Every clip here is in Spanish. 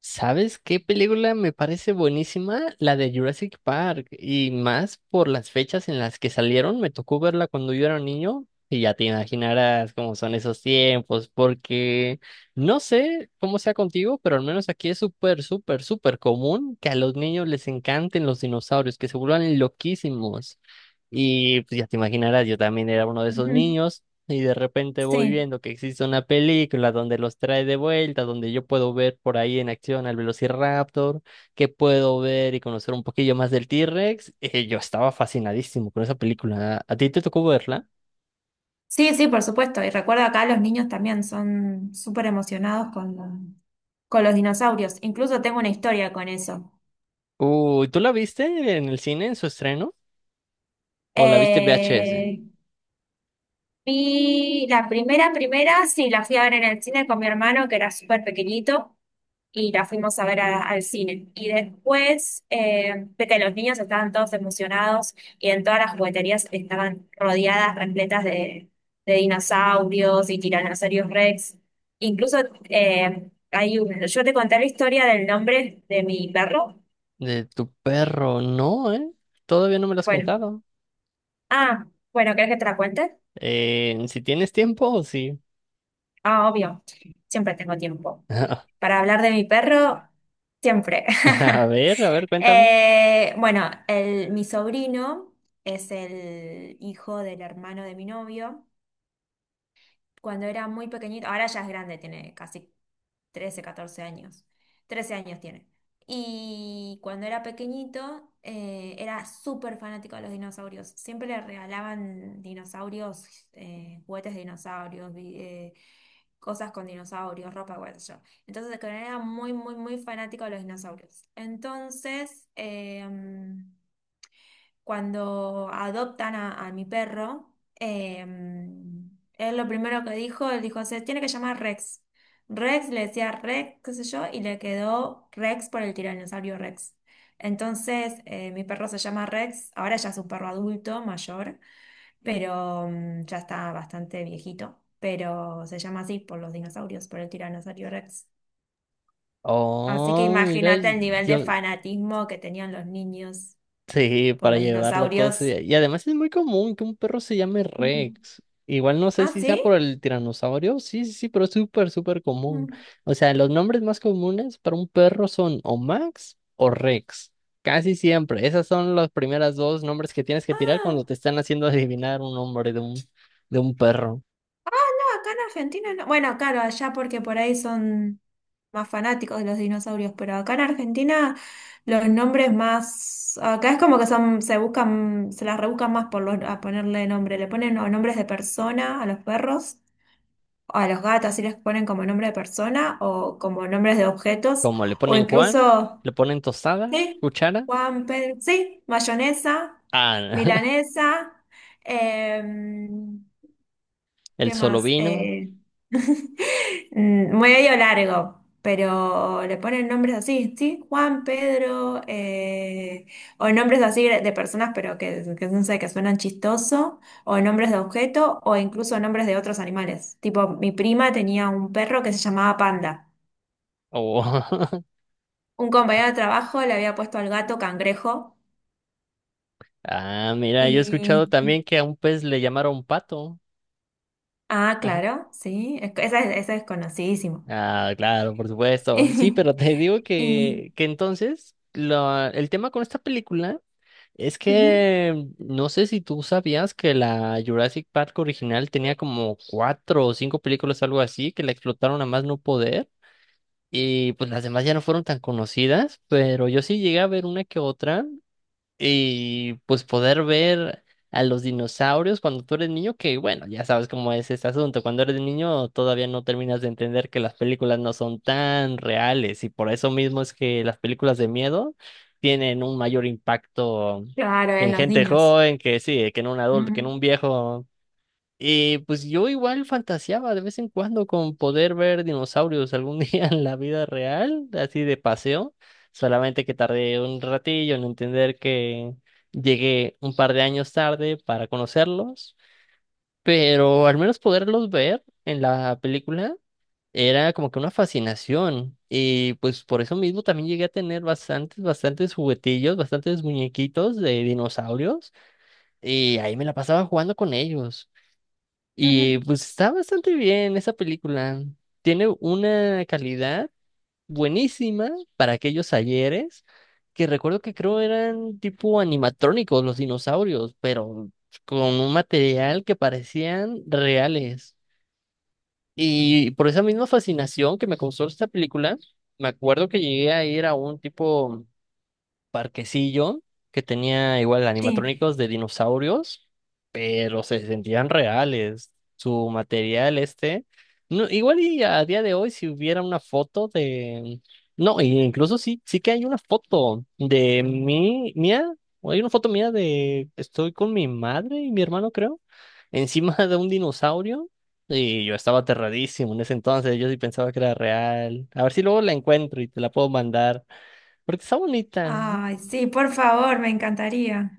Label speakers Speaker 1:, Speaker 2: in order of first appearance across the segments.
Speaker 1: ¿Sabes qué película me parece buenísima? La de Jurassic Park. Y más por las fechas en las que salieron. Me tocó verla cuando yo era niño. Y ya te imaginarás cómo son esos tiempos. Porque no sé cómo sea contigo, pero al menos aquí es súper, súper, súper común que a los niños les encanten los dinosaurios, que se vuelvan loquísimos. Y pues ya te imaginarás, yo también era uno de esos
Speaker 2: Ujú.
Speaker 1: niños. Y de repente voy
Speaker 2: Sí,
Speaker 1: viendo que existe una película donde los trae de vuelta, donde yo puedo ver por ahí en acción al Velociraptor, que puedo ver y conocer un poquillo más del T-Rex. Yo estaba fascinadísimo con esa película. ¿A ti te tocó verla?
Speaker 2: sí, sí, por supuesto. Y recuerda acá los niños también son súper emocionados con, con los dinosaurios. Incluso tengo una historia con eso.
Speaker 1: Uy, ¿tú la viste en el cine en su estreno? ¿O la viste en VHS?
Speaker 2: Eh, y la primera, primera, sí, la fui a ver en el cine con mi hermano, que era súper pequeñito. Y la fuimos a ver al cine. Y después, viste, los niños estaban todos emocionados y en todas las jugueterías estaban rodeadas, repletas de dinosaurios y tiranosaurios Rex. Incluso hay un, yo te conté la historia del nombre de mi perro.
Speaker 1: De tu perro, no, ¿eh? Todavía no me lo has
Speaker 2: Bueno,
Speaker 1: contado.
Speaker 2: ah, bueno, ¿querés que te la cuente?
Speaker 1: Si tienes tiempo, sí.
Speaker 2: Ah, obvio, siempre tengo tiempo. Para hablar de mi perro, siempre.
Speaker 1: A ver, cuéntame.
Speaker 2: Bueno, mi sobrino es el hijo del hermano de mi novio. Cuando era muy pequeñito, ahora ya es grande, tiene casi 13, 14 años. 13 años tiene. Y cuando era pequeñito, era súper fanático de los dinosaurios. Siempre le regalaban dinosaurios, juguetes de dinosaurios, cosas con dinosaurios, ropa, qué sé yo. Entonces, que era muy, muy, muy fanático de los dinosaurios. Entonces, cuando adoptan a mi perro, él lo primero que dijo, él dijo, se tiene que llamar Rex. Rex le decía Rex, qué sé yo, y le quedó Rex por el tiranosaurio Rex. Entonces, mi perro se llama Rex, ahora ya es un perro adulto, mayor, pero ya está bastante viejito, pero se llama así por los dinosaurios, por el tiranosaurio Rex. Así que
Speaker 1: Oh, mira,
Speaker 2: imagínate el nivel de
Speaker 1: yo.
Speaker 2: fanatismo que tenían los niños
Speaker 1: Sí,
Speaker 2: por
Speaker 1: para
Speaker 2: los
Speaker 1: llevarlo todo, sí.
Speaker 2: dinosaurios.
Speaker 1: Y además es muy común que un perro se llame
Speaker 2: Ujú.
Speaker 1: Rex. Igual no sé
Speaker 2: ¿Ah,
Speaker 1: si sea
Speaker 2: sí?
Speaker 1: por el tiranosaurio. Sí, sí, sí, pero es súper, súper común.
Speaker 2: Mm.
Speaker 1: O sea, los nombres más comunes para un perro son o Max o Rex. Casi siempre. Esas son las primeras dos nombres que tienes que tirar
Speaker 2: Ah,
Speaker 1: cuando te están haciendo adivinar un nombre de de un perro.
Speaker 2: ah, no, acá en Argentina no. Bueno, claro, allá porque por ahí son más fanáticos de los dinosaurios, pero acá en Argentina los nombres más. Acá es como que son, se buscan, se las rebuscan más por a ponerle nombre. Le ponen o nombres de persona a los perros, o a los gatos, sí les ponen como nombre de persona, o como nombres de objetos,
Speaker 1: Como le
Speaker 2: o
Speaker 1: ponen Juan,
Speaker 2: incluso,
Speaker 1: le ponen tostada,
Speaker 2: sí,
Speaker 1: cuchara,
Speaker 2: Juan, Pedro, sí, mayonesa,
Speaker 1: ah,
Speaker 2: milanesa. Eh,
Speaker 1: el
Speaker 2: ¿Qué
Speaker 1: solo
Speaker 2: más?
Speaker 1: vino
Speaker 2: Medio largo, pero le ponen nombres así, ¿sí? Juan, Pedro, o nombres así de personas, pero que no sé, que suenan chistoso, o nombres de objeto, o incluso nombres de otros animales. Tipo, mi prima tenía un perro que se llamaba Panda.
Speaker 1: o...
Speaker 2: Un compañero de trabajo le había puesto al gato Cangrejo
Speaker 1: Ah, mira, yo he
Speaker 2: y...
Speaker 1: escuchado también que a un pez le llamaron pato.
Speaker 2: Ah,
Speaker 1: Ajá.
Speaker 2: claro, sí, esa es conocidísimo.
Speaker 1: Ah, claro, por supuesto. Sí, pero te digo
Speaker 2: Y,
Speaker 1: que entonces el tema con esta película es
Speaker 2: ujú,
Speaker 1: que no sé si tú sabías que la Jurassic Park original tenía como cuatro o cinco películas, algo así, que la explotaron a más no poder. Y pues las demás ya no fueron tan conocidas, pero yo sí llegué a ver una que otra. Y pues poder ver a los dinosaurios cuando tú eres niño, que bueno, ya sabes cómo es este asunto. Cuando eres niño todavía no terminas de entender que las películas no son tan reales y por eso mismo es que las películas de miedo tienen un mayor impacto
Speaker 2: claro, en
Speaker 1: en
Speaker 2: los
Speaker 1: gente
Speaker 2: niños.
Speaker 1: joven que sí, que en un adulto, que en
Speaker 2: Ujú,
Speaker 1: un viejo. Y pues yo igual fantaseaba de vez en cuando con poder ver dinosaurios algún día en la vida real, así de paseo, solamente que tardé un ratillo en entender que llegué un par de años tarde para conocerlos, pero al menos poderlos ver en la película era como que una fascinación y pues por eso mismo también llegué a tener bastantes, bastantes juguetillos, bastantes muñequitos de dinosaurios y ahí me la pasaba jugando con ellos.
Speaker 2: ujú,
Speaker 1: Y pues está bastante bien esa película. Tiene una calidad buenísima para aquellos ayeres, que recuerdo que creo eran tipo animatrónicos los dinosaurios, pero con un material que parecían reales. Y por esa misma fascinación que me causó esta película, me acuerdo que llegué a ir a un tipo parquecillo que tenía igual
Speaker 2: sí.
Speaker 1: animatrónicos de dinosaurios, pero se sentían reales. Su material este, no, igual y a día de hoy si hubiera una foto de, no, e incluso sí, sí que hay una foto de mía, o hay una foto mía de, estoy con mi madre y mi hermano creo, encima de un dinosaurio. Y yo estaba aterradísimo en ese entonces, yo sí pensaba que era real. A ver si luego la encuentro y te la puedo mandar. Porque está bonita.
Speaker 2: Ay, sí, por favor, me encantaría.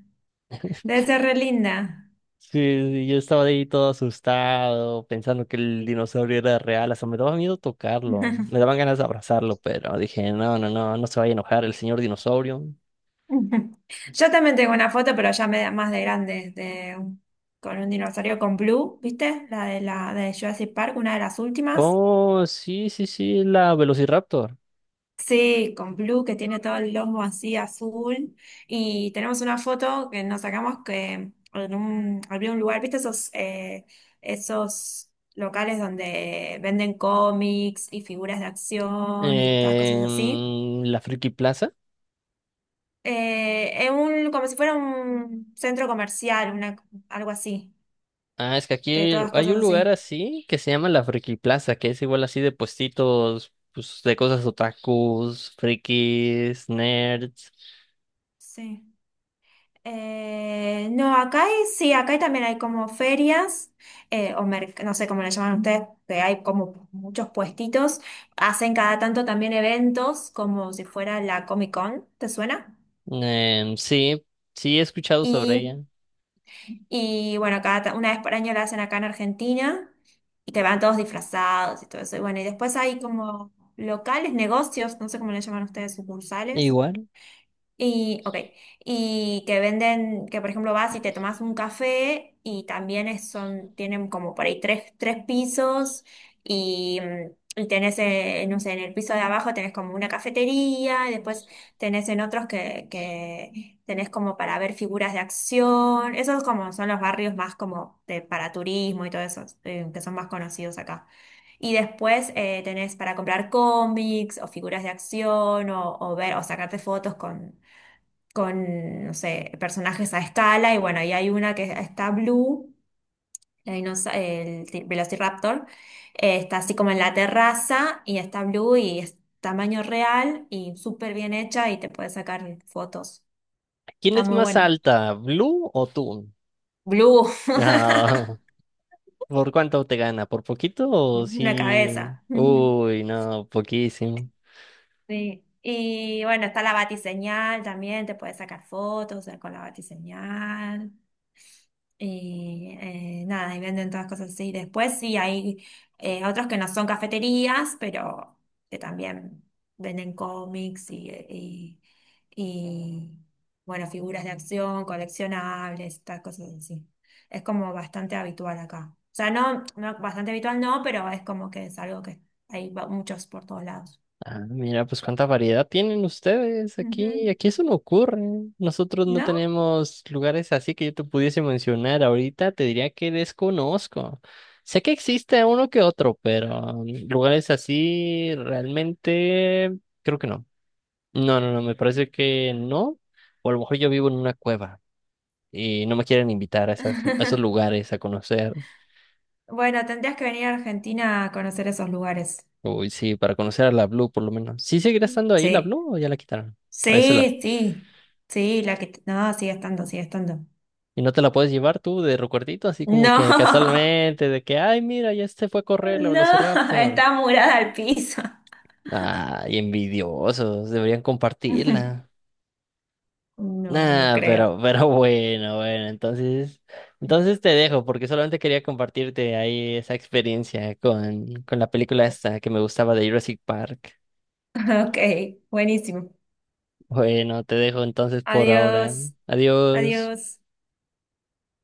Speaker 2: Debe ser re linda.
Speaker 1: Sí, sí, yo estaba ahí todo asustado, pensando que el dinosaurio era real, hasta me daba miedo tocarlo, me daban ganas de abrazarlo, pero dije, no, no, no, no se vaya a enojar el señor dinosaurio.
Speaker 2: Yo también tengo una foto, pero ya me da más de grande, de, con un dinosaurio con Blue, ¿viste? La de Jurassic Park, una de las últimas.
Speaker 1: Oh, sí, sí, sí, la Velociraptor.
Speaker 2: Sí, con Blue que tiene todo el lomo así azul. Y tenemos una foto que nos sacamos que en un, había un lugar, ¿viste esos, esos locales donde venden cómics y figuras de acción y todas cosas así?
Speaker 1: Em, la Friki Plaza.
Speaker 2: En un, como si fuera un centro comercial, una, algo así,
Speaker 1: Ah, es que aquí
Speaker 2: de todas
Speaker 1: hay
Speaker 2: cosas
Speaker 1: un lugar
Speaker 2: así.
Speaker 1: así que se llama la Friki Plaza, que es igual así de puestitos, pues de cosas otakus, frikis, nerds.
Speaker 2: Sí. No, sí, acá hay también hay como ferias, o no sé cómo le llaman ustedes, que hay como muchos puestitos. Hacen cada tanto también eventos, como si fuera la Comic Con, ¿te suena?
Speaker 1: Em, sí, sí he escuchado sobre
Speaker 2: Y,
Speaker 1: ella.
Speaker 2: y bueno, cada, una vez por año la hacen acá en Argentina, y que van todos disfrazados y todo eso. Y bueno, y después hay como locales, negocios, no sé cómo le llaman ustedes, sucursales.
Speaker 1: Igual.
Speaker 2: Y, ok, y que venden, que por ejemplo vas y te tomas un café y también son, tienen como por ahí 3 pisos y, y tenés, no sé, en el piso de abajo tenés como una cafetería y después tenés en otros que tenés como para ver figuras de acción. Esos como son los barrios más como de, para turismo y todo eso, que son más conocidos acá. Y después tenés para comprar cómics o figuras de acción o ver o sacarte fotos con no sé, personajes a escala, y bueno, y hay una que está Blue, la dinosa- el ti- Velociraptor, está así como en la terraza, y está Blue y es tamaño real y súper bien hecha y te puedes sacar fotos.
Speaker 1: ¿Quién
Speaker 2: Está
Speaker 1: es
Speaker 2: muy
Speaker 1: más
Speaker 2: bueno.
Speaker 1: alta, Blue o tú?
Speaker 2: Blue,
Speaker 1: Ah, ¿por cuánto te gana? ¿Por poquito o
Speaker 2: una
Speaker 1: sí?
Speaker 2: cabeza.
Speaker 1: Uy, no, poquísimo.
Speaker 2: Sí. Y bueno, está la batiseñal también, te puedes sacar fotos con la batiseñal. Y nada, y venden todas cosas así. Después sí hay otros que no son cafeterías, pero que también venden cómics y bueno, figuras de acción, coleccionables, estas cosas así. Es como bastante habitual acá. O sea, no, no bastante habitual no, pero es como que es algo que muchos por todos lados.
Speaker 1: Ah, mira, pues cuánta variedad tienen ustedes aquí.
Speaker 2: Ujú.
Speaker 1: Aquí eso no ocurre. Nosotros no
Speaker 2: ¿No?
Speaker 1: tenemos lugares así que yo te pudiese mencionar ahorita. Te diría que desconozco. Sé que existe uno que otro, pero mm, lugares así realmente creo que no. No, no, no, me parece que no. O a lo mejor yo vivo en una cueva y no me quieren invitar a, esas, a esos lugares a conocer.
Speaker 2: Bueno, tendrías que venir a Argentina a conocer esos lugares.
Speaker 1: Uy, sí, para conocer a la Blue por lo menos. ¿Sí seguirá estando ahí la
Speaker 2: Sí.
Speaker 1: Blue o ya la quitaron? A veces la...
Speaker 2: Sí, sí, sí, la que... No, sigue estando, sigue estando.
Speaker 1: ¿Y no te la puedes llevar tú de recuerdito, así como
Speaker 2: No,
Speaker 1: que casualmente, de que, ay, mira, ya se fue a correr la
Speaker 2: no,
Speaker 1: Velociraptor?
Speaker 2: está murada al piso.
Speaker 1: Ay, envidiosos, deberían compartirla.
Speaker 2: No, no
Speaker 1: Nah,
Speaker 2: creo.
Speaker 1: pero bueno, bueno, entonces, entonces te dejo porque solamente quería compartirte ahí esa experiencia con la película esta que me gustaba de Jurassic Park.
Speaker 2: Ok, buenísimo.
Speaker 1: Bueno, te dejo entonces por ahora.
Speaker 2: Adiós,
Speaker 1: Adiós.
Speaker 2: adiós.